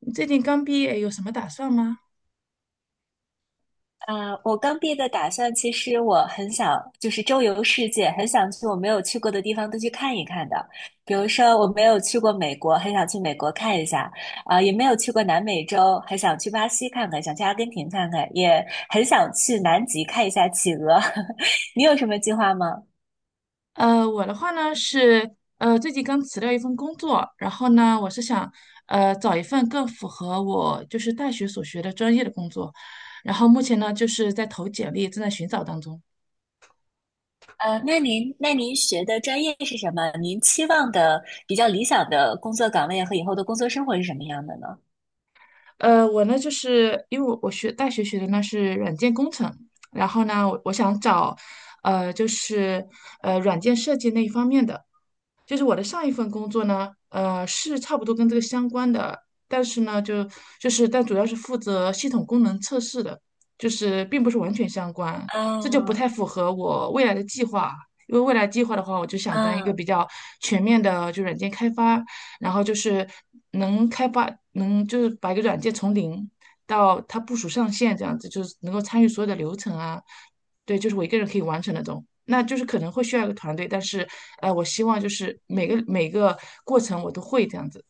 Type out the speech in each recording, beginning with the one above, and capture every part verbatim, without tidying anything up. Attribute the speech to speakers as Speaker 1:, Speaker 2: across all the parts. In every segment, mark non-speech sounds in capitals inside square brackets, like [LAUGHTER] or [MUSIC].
Speaker 1: 你最近刚毕业，有什么打算吗？
Speaker 2: 啊，我刚毕业的打算，其实我很想就是周游世界，很想去我没有去过的地方都去看一看的。比如说，我没有去过美国，很想去美国看一下；啊、也没有去过南美洲，很想去巴西看看，想去阿根廷看看，也很想去南极看一下企鹅。[LAUGHS] 你有什么计划吗？
Speaker 1: 呃，我的话呢是，呃，最近刚辞掉一份工作，然后呢，我是想，呃，找一份更符合我就是大学所学的专业的工作，然后目前呢就是在投简历，正在寻找当中。
Speaker 2: 呃，那您那您学的专业是什么？您期望的比较理想的工作岗位和以后的工作生活是什么样的呢？
Speaker 1: 呃，我呢就是因为我我学大学学的呢是软件工程，然后呢，我我想找，呃，就是呃软件设计那一方面的。就是我的上一份工作呢，呃，是差不多跟这个相关的，但是呢，就就是但主要是负责系统功能测试的，就是并不是完全相关，这就不
Speaker 2: 啊
Speaker 1: 太符合我未来的计划。因为未来计划的话，我就想当一个
Speaker 2: 啊。
Speaker 1: 比较全面的，就软件开发，然后就是能开发，能就是把一个软件从零到它部署上线这样子，就是能够参与所有的流程啊，对，就是我一个人可以完成那种。那就是可能会需要一个团队，但是呃，我希望就是每个每个过程我都会这样子。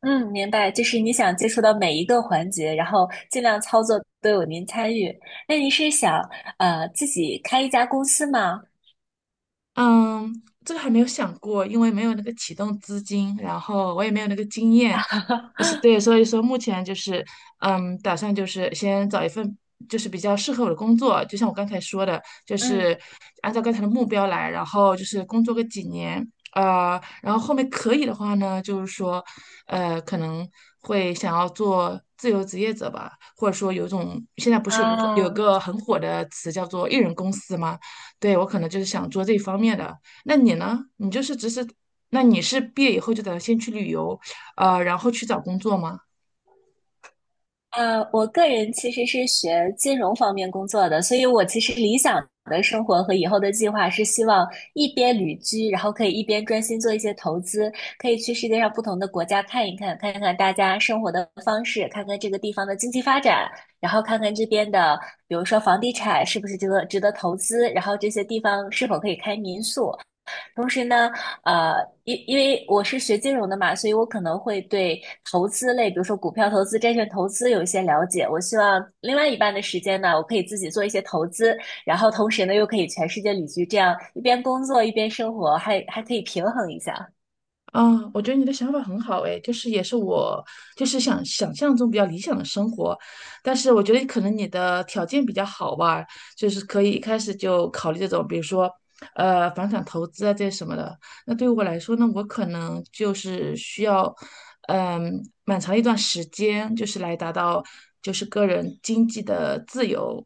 Speaker 2: 嗯，明白，就是你想接触到每一个环节，然后尽量操作都有您参与。那您是想呃自己开一家公司吗？
Speaker 1: 嗯，这个还没有想过，因为没有那个启动资金，然后我也没有那个经验，是
Speaker 2: [LAUGHS]
Speaker 1: 对，所以说目前就是，嗯，打算就是先找一份就是比较适合我的工作，就像我刚才说的，就
Speaker 2: 嗯
Speaker 1: 是按照刚才的目标来，然后就是工作个几年，呃，然后后面可以的话呢，就是说，呃，可能会想要做自由职业者吧，或者说有一种现在不是有个有
Speaker 2: 啊。
Speaker 1: 个很火的词叫做艺人公司吗？对，我可能就是想做这一方面的。那你呢？你就是只是，那你是毕业以后就打算先去旅游？啊，然后去找工作吗？
Speaker 2: 呃，我个人其实是学金融方面工作的，所以我其实理想的生活和以后的计划是希望一边旅居，然后可以一边专心做一些投资，可以去世界上不同的国家看一看，看看大家生活的方式，看看这个地方的经济发展，然后看看这边的，比如说房地产是不是值得值得投资，然后这些地方是否可以开民宿。同时呢，呃，因因为我是学金融的嘛，所以我可能会对投资类，比如说股票投资、债券投资有一些了解。我希望另外一半的时间呢，我可以自己做一些投资，然后同时呢，又可以全世界旅居，这样一边工作一边生活，还还可以平衡一下。
Speaker 1: 啊，我觉得你的想法很好诶，就是也是我就是想想象中比较理想的生活，但是我觉得可能你的条件比较好吧，就是可以一开始就考虑这种，比如说呃房产投资啊这些什么的。那对于我来说呢，我可能就是需要嗯蛮长一段时间，就是来达到就是个人经济的自由，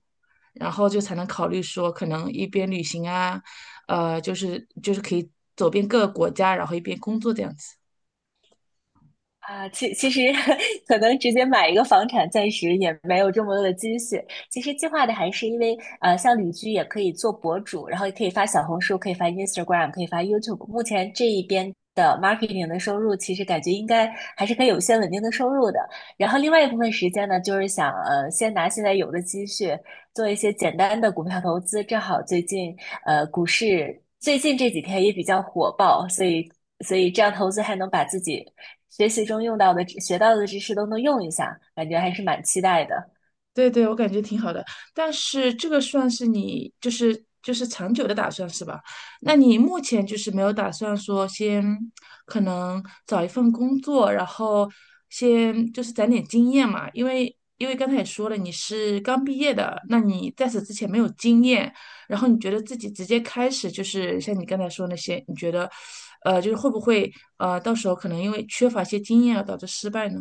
Speaker 1: 然后就才能考虑说可能一边旅行啊。呃，就是就是可以走遍各个国家，然后一边工作这样子。
Speaker 2: 啊，其其实 [LAUGHS] 可能直接买一个房产，暂时也没有这么多的积蓄。其实计划的还是因为，呃，像旅居也可以做博主，然后也可以发小红书，可以发 Instagram，可以发 YouTube。目前这一边的 marketing 的收入，其实感觉应该还是可以有一些稳定的收入的。然后另外一部分时间呢，就是想，呃，先拿现在有的积蓄做一些简单的股票投资。正好最近，呃，股市最近这几天也比较火爆，所以所以这样投资还能把自己学习中用到的知学到的知识都能用一下，感觉还是蛮期待的。
Speaker 1: 对对，我感觉挺好的，但是这个算是你就是就是长久的打算是吧？那你目前就是没有打算说先可能找一份工作，然后先就是攒点经验嘛？因为因为刚才也说了你是刚毕业的，那你在此之前没有经验，然后你觉得自己直接开始就是像你刚才说那些，你觉得呃就是会不会呃到时候可能因为缺乏一些经验而导致失败呢？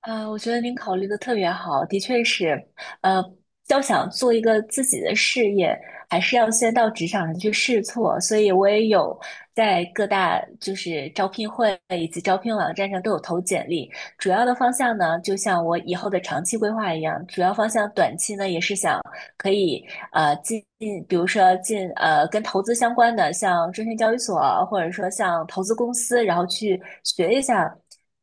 Speaker 2: 啊，我觉得您考虑的特别好，的确是，呃，要想做一个自己的事业，还是要先到职场上去试错。所以我也有在各大就是招聘会以及招聘网站上都有投简历。主要的方向呢，就像我以后的长期规划一样，主要方向短期呢也是想可以呃进，比如说进呃跟投资相关的，像证券交易所，或者说像投资公司，然后去学一下，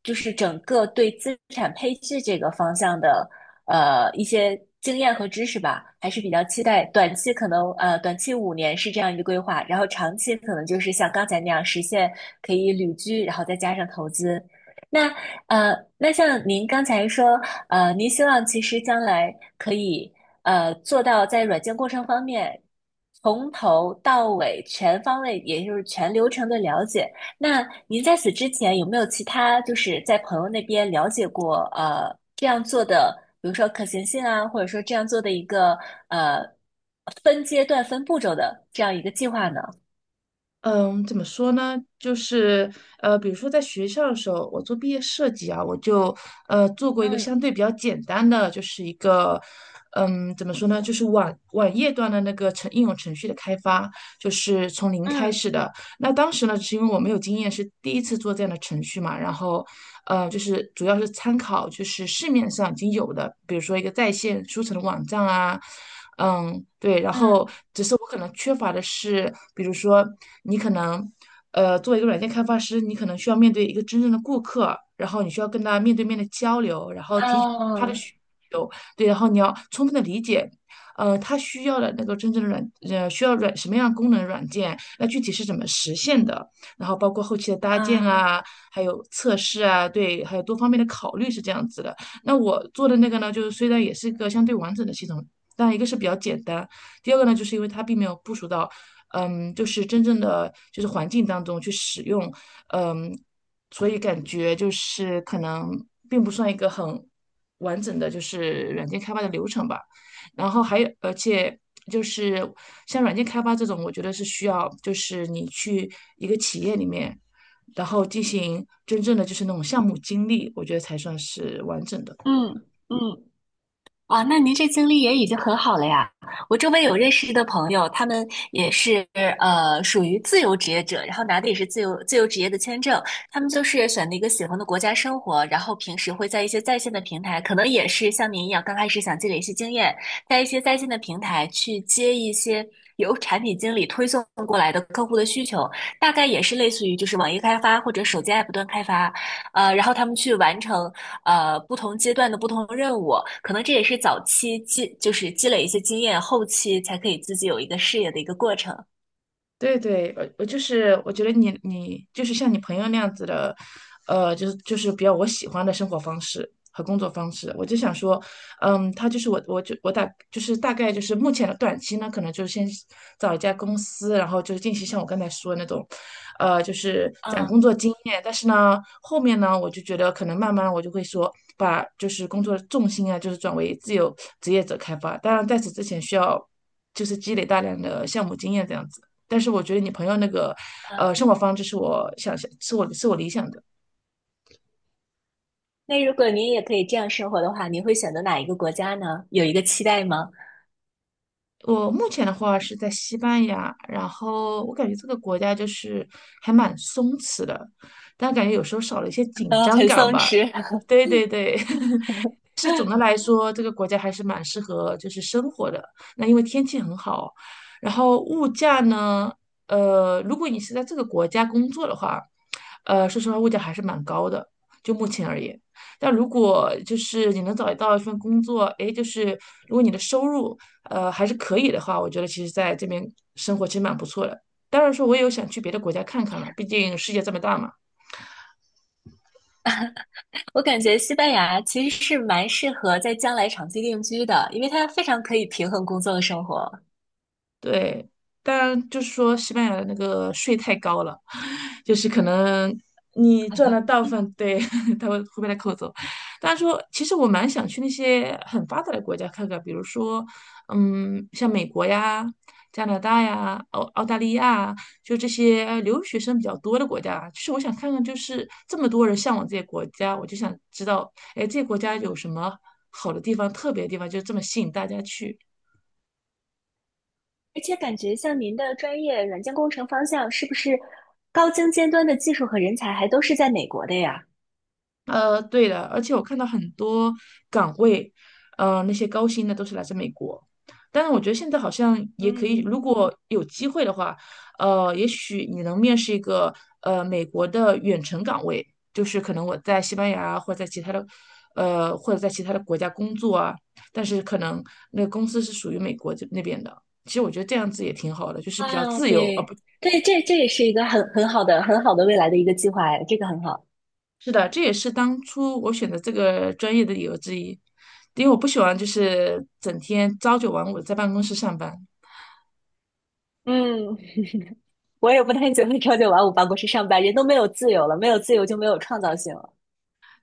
Speaker 2: 就是整个对资产配置这个方向的呃一些经验和知识吧，还是比较期待短期可能呃短期五年是这样一个规划，然后长期可能就是像刚才那样实现可以旅居，然后再加上投资。那呃，那像您刚才说，呃，您希望其实将来可以呃做到在软件过程方面，从头到尾全方位，也就是全流程的了解。那您在此之前有没有其他就是在朋友那边了解过呃这样做的，比如说可行性啊，或者说这样做的一个呃分阶段、分步骤的这样一个计划呢？
Speaker 1: 嗯，怎么说呢？就是呃，比如说在学校的时候，我做毕业设计啊，我就呃做过一个
Speaker 2: 嗯
Speaker 1: 相对比较简单的，就是一个嗯，怎么说呢？就是网网页端的那个程应用程序的开发，就是从零开
Speaker 2: 嗯
Speaker 1: 始的。那当时呢，是因为我没有经验，是第一次做这样的程序嘛，然后，呃，就是主要是参考就是市面上已经有的，比如说一个在线书城的网站啊，嗯，对，然后
Speaker 2: 嗯
Speaker 1: 只是我可能缺乏的是，比如说你可能，呃，作为一个软件开发师，你可能需要面对一个真正的顾客，然后你需要跟他面对面的交流，然后提取他的
Speaker 2: 啊
Speaker 1: 需求，对，然后你要充分的理解呃，它需要的那个真正的软，呃，需要软什么样的功能软件，那具体是怎么实现的，然后包括后期的搭建
Speaker 2: 啊，
Speaker 1: 啊，还有测试啊，对，还有多方面的考虑是这样子的。那我做的那个呢，就是虽然也是一个相对完整的系统，但一个是比较简单，第二个呢，就是因为它并没有部署到，嗯，就是真正的就是环境当中去使用，嗯，所以感觉就是可能并不算一个很完整的就是软件开发的流程吧。然后还有，而且就是像软件开发这种，我觉得是需要就是你去一个企业里面，然后进行真正的就是那种项目经历，我觉得才算是完整的。
Speaker 2: 嗯嗯啊，那您这经历也已经很好了呀。我周围有认识的朋友，他们也是呃属于自由职业者，然后拿的也是自由自由职业的签证。他们就是选了一个喜欢的国家生活，然后平时会在一些在线的平台，可能也是像您一样，刚开始想积累一些经验，在一些在线的平台去接一些由产品经理推送过来的客户的需求，大概也是类似于就是网页开发或者手机 app 端开发，呃，然后他们去完成。呃不同阶段的不同任务，可能这也是早期积就是积累一些经验，后期才可以自己有一个事业的一个过程。
Speaker 1: 对对，我我就是我觉得你你就是像你朋友那样子的，呃，就是就是比较我喜欢的生活方式和工作方式。我就想说，嗯，他就是我我就我大就是大概就是目前的短期呢，可能就是先找一家公司，然后就是进行像我刚才说的那种，呃，就是攒
Speaker 2: 嗯
Speaker 1: 工作经验。但是呢，后面呢，我就觉得可能慢慢我就会说，把就是工作的重心啊，就是转为自由职业者开发。当然，在此之前需要就是积累大量的项目经验这样子。但是我觉得你朋友那个，
Speaker 2: 嗯，
Speaker 1: 呃，生活方式是我想象，是我是我理想的。
Speaker 2: 那如果您也可以这样生活的话，您会选择哪一个国家呢？有一个期待吗？
Speaker 1: 我目前的话是在西班牙，然后我感觉这个国家就是还蛮松弛的，但感觉有时候少了一些
Speaker 2: [LAUGHS]
Speaker 1: 紧
Speaker 2: 呃，
Speaker 1: 张
Speaker 2: 很
Speaker 1: 感
Speaker 2: 松
Speaker 1: 吧。
Speaker 2: 弛。[LAUGHS]
Speaker 1: 对对对，[LAUGHS] 是总的来说，这个国家还是蛮适合就是生活的。那因为天气很好，然后物价呢，呃，如果你是在这个国家工作的话，呃，说实话，物价还是蛮高的，就目前而言。但如果就是你能找到一份工作，诶，就是如果你的收入呃还是可以的话，我觉得其实在这边生活其实蛮不错的。当然说，我也有想去别的国家看看了，毕竟世界这么大嘛。
Speaker 2: 我感觉西班牙其实是蛮适合在将来长期定居的，因为它非常可以平衡工作和生活。
Speaker 1: 对，当然就是说西班牙的那个税太高了，[LAUGHS] 就是可能你赚了大部分，对，[LAUGHS] 他会会被他扣走。但是说，其实我蛮想去那些很发达的国家看看，比如说，嗯，像美国呀、加拿大呀、澳澳大利亚，就这些呃留学生比较多的国家。其实我想看看，就是这么多人向往这些国家，我就想知道，哎，这些国家有什么好的地方、特别的地方，就这么吸引大家去。
Speaker 2: 而且感觉像您的专业软件工程方向，是不是高精尖端的技术和人才还都是在美国的呀？
Speaker 1: 呃，对的，而且我看到很多岗位，呃，那些高薪的都是来自美国。但是我觉得现在好像也可以，
Speaker 2: 嗯，
Speaker 1: 如果有机会的话，呃，也许你能面试一个呃美国的远程岗位，就是可能我在西班牙或者在其他的，呃，或者在其他的国家工作啊，但是可能那个公司是属于美国这那边的。其实我觉得这样子也挺好的，就是比较
Speaker 2: 啊，
Speaker 1: 自由，而不
Speaker 2: 对对，这这也是一个很很好的、很好的未来的一个计划哎，这个很好。
Speaker 1: 是的，这也是当初我选择这个专业的理由之一，因为我不喜欢就是整天朝九晚五地在办公室上班。
Speaker 2: 嗯，我也不太喜欢朝九晚五办公室上班，人都没有自由了，没有自由就没有创造性了。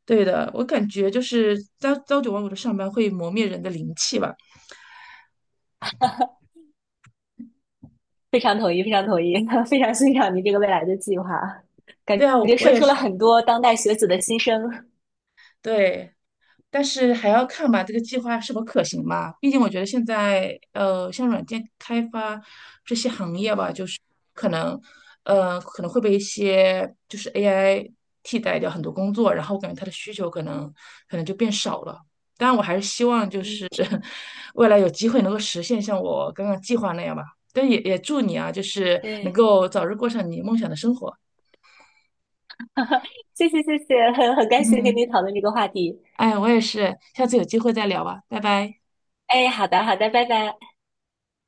Speaker 1: 对的，我感觉就是朝朝九晚五的上班会磨灭人的灵气吧。
Speaker 2: 非常同意，非常同意，[LAUGHS] 非常欣赏您这个未来的计划，感
Speaker 1: 对啊，
Speaker 2: 觉
Speaker 1: 我
Speaker 2: 说
Speaker 1: 也
Speaker 2: 出了
Speaker 1: 是。
Speaker 2: 很多当代学子的心声。
Speaker 1: 对，但是还要看吧，这个计划是否可行吧。毕竟我觉得现在呃，像软件开发可能，呃，可能会被一些就是 A I 替代掉很多工作，然后我感觉它的需求可能可能就变少了。当然，我还是希望就
Speaker 2: 嗯，
Speaker 1: 是 [LAUGHS] 未来有机会能够实现像我刚刚计划那样吧。但也也祝你啊，就是能
Speaker 2: 对，
Speaker 1: 够早日过上你梦想的生活。
Speaker 2: [LAUGHS] 谢谢谢谢，很很感谢跟
Speaker 1: 嗯，
Speaker 2: 您讨论这个话题。
Speaker 1: 哎，我也是，下次有机会再聊吧，拜拜。
Speaker 2: 哎，好的好的，拜拜。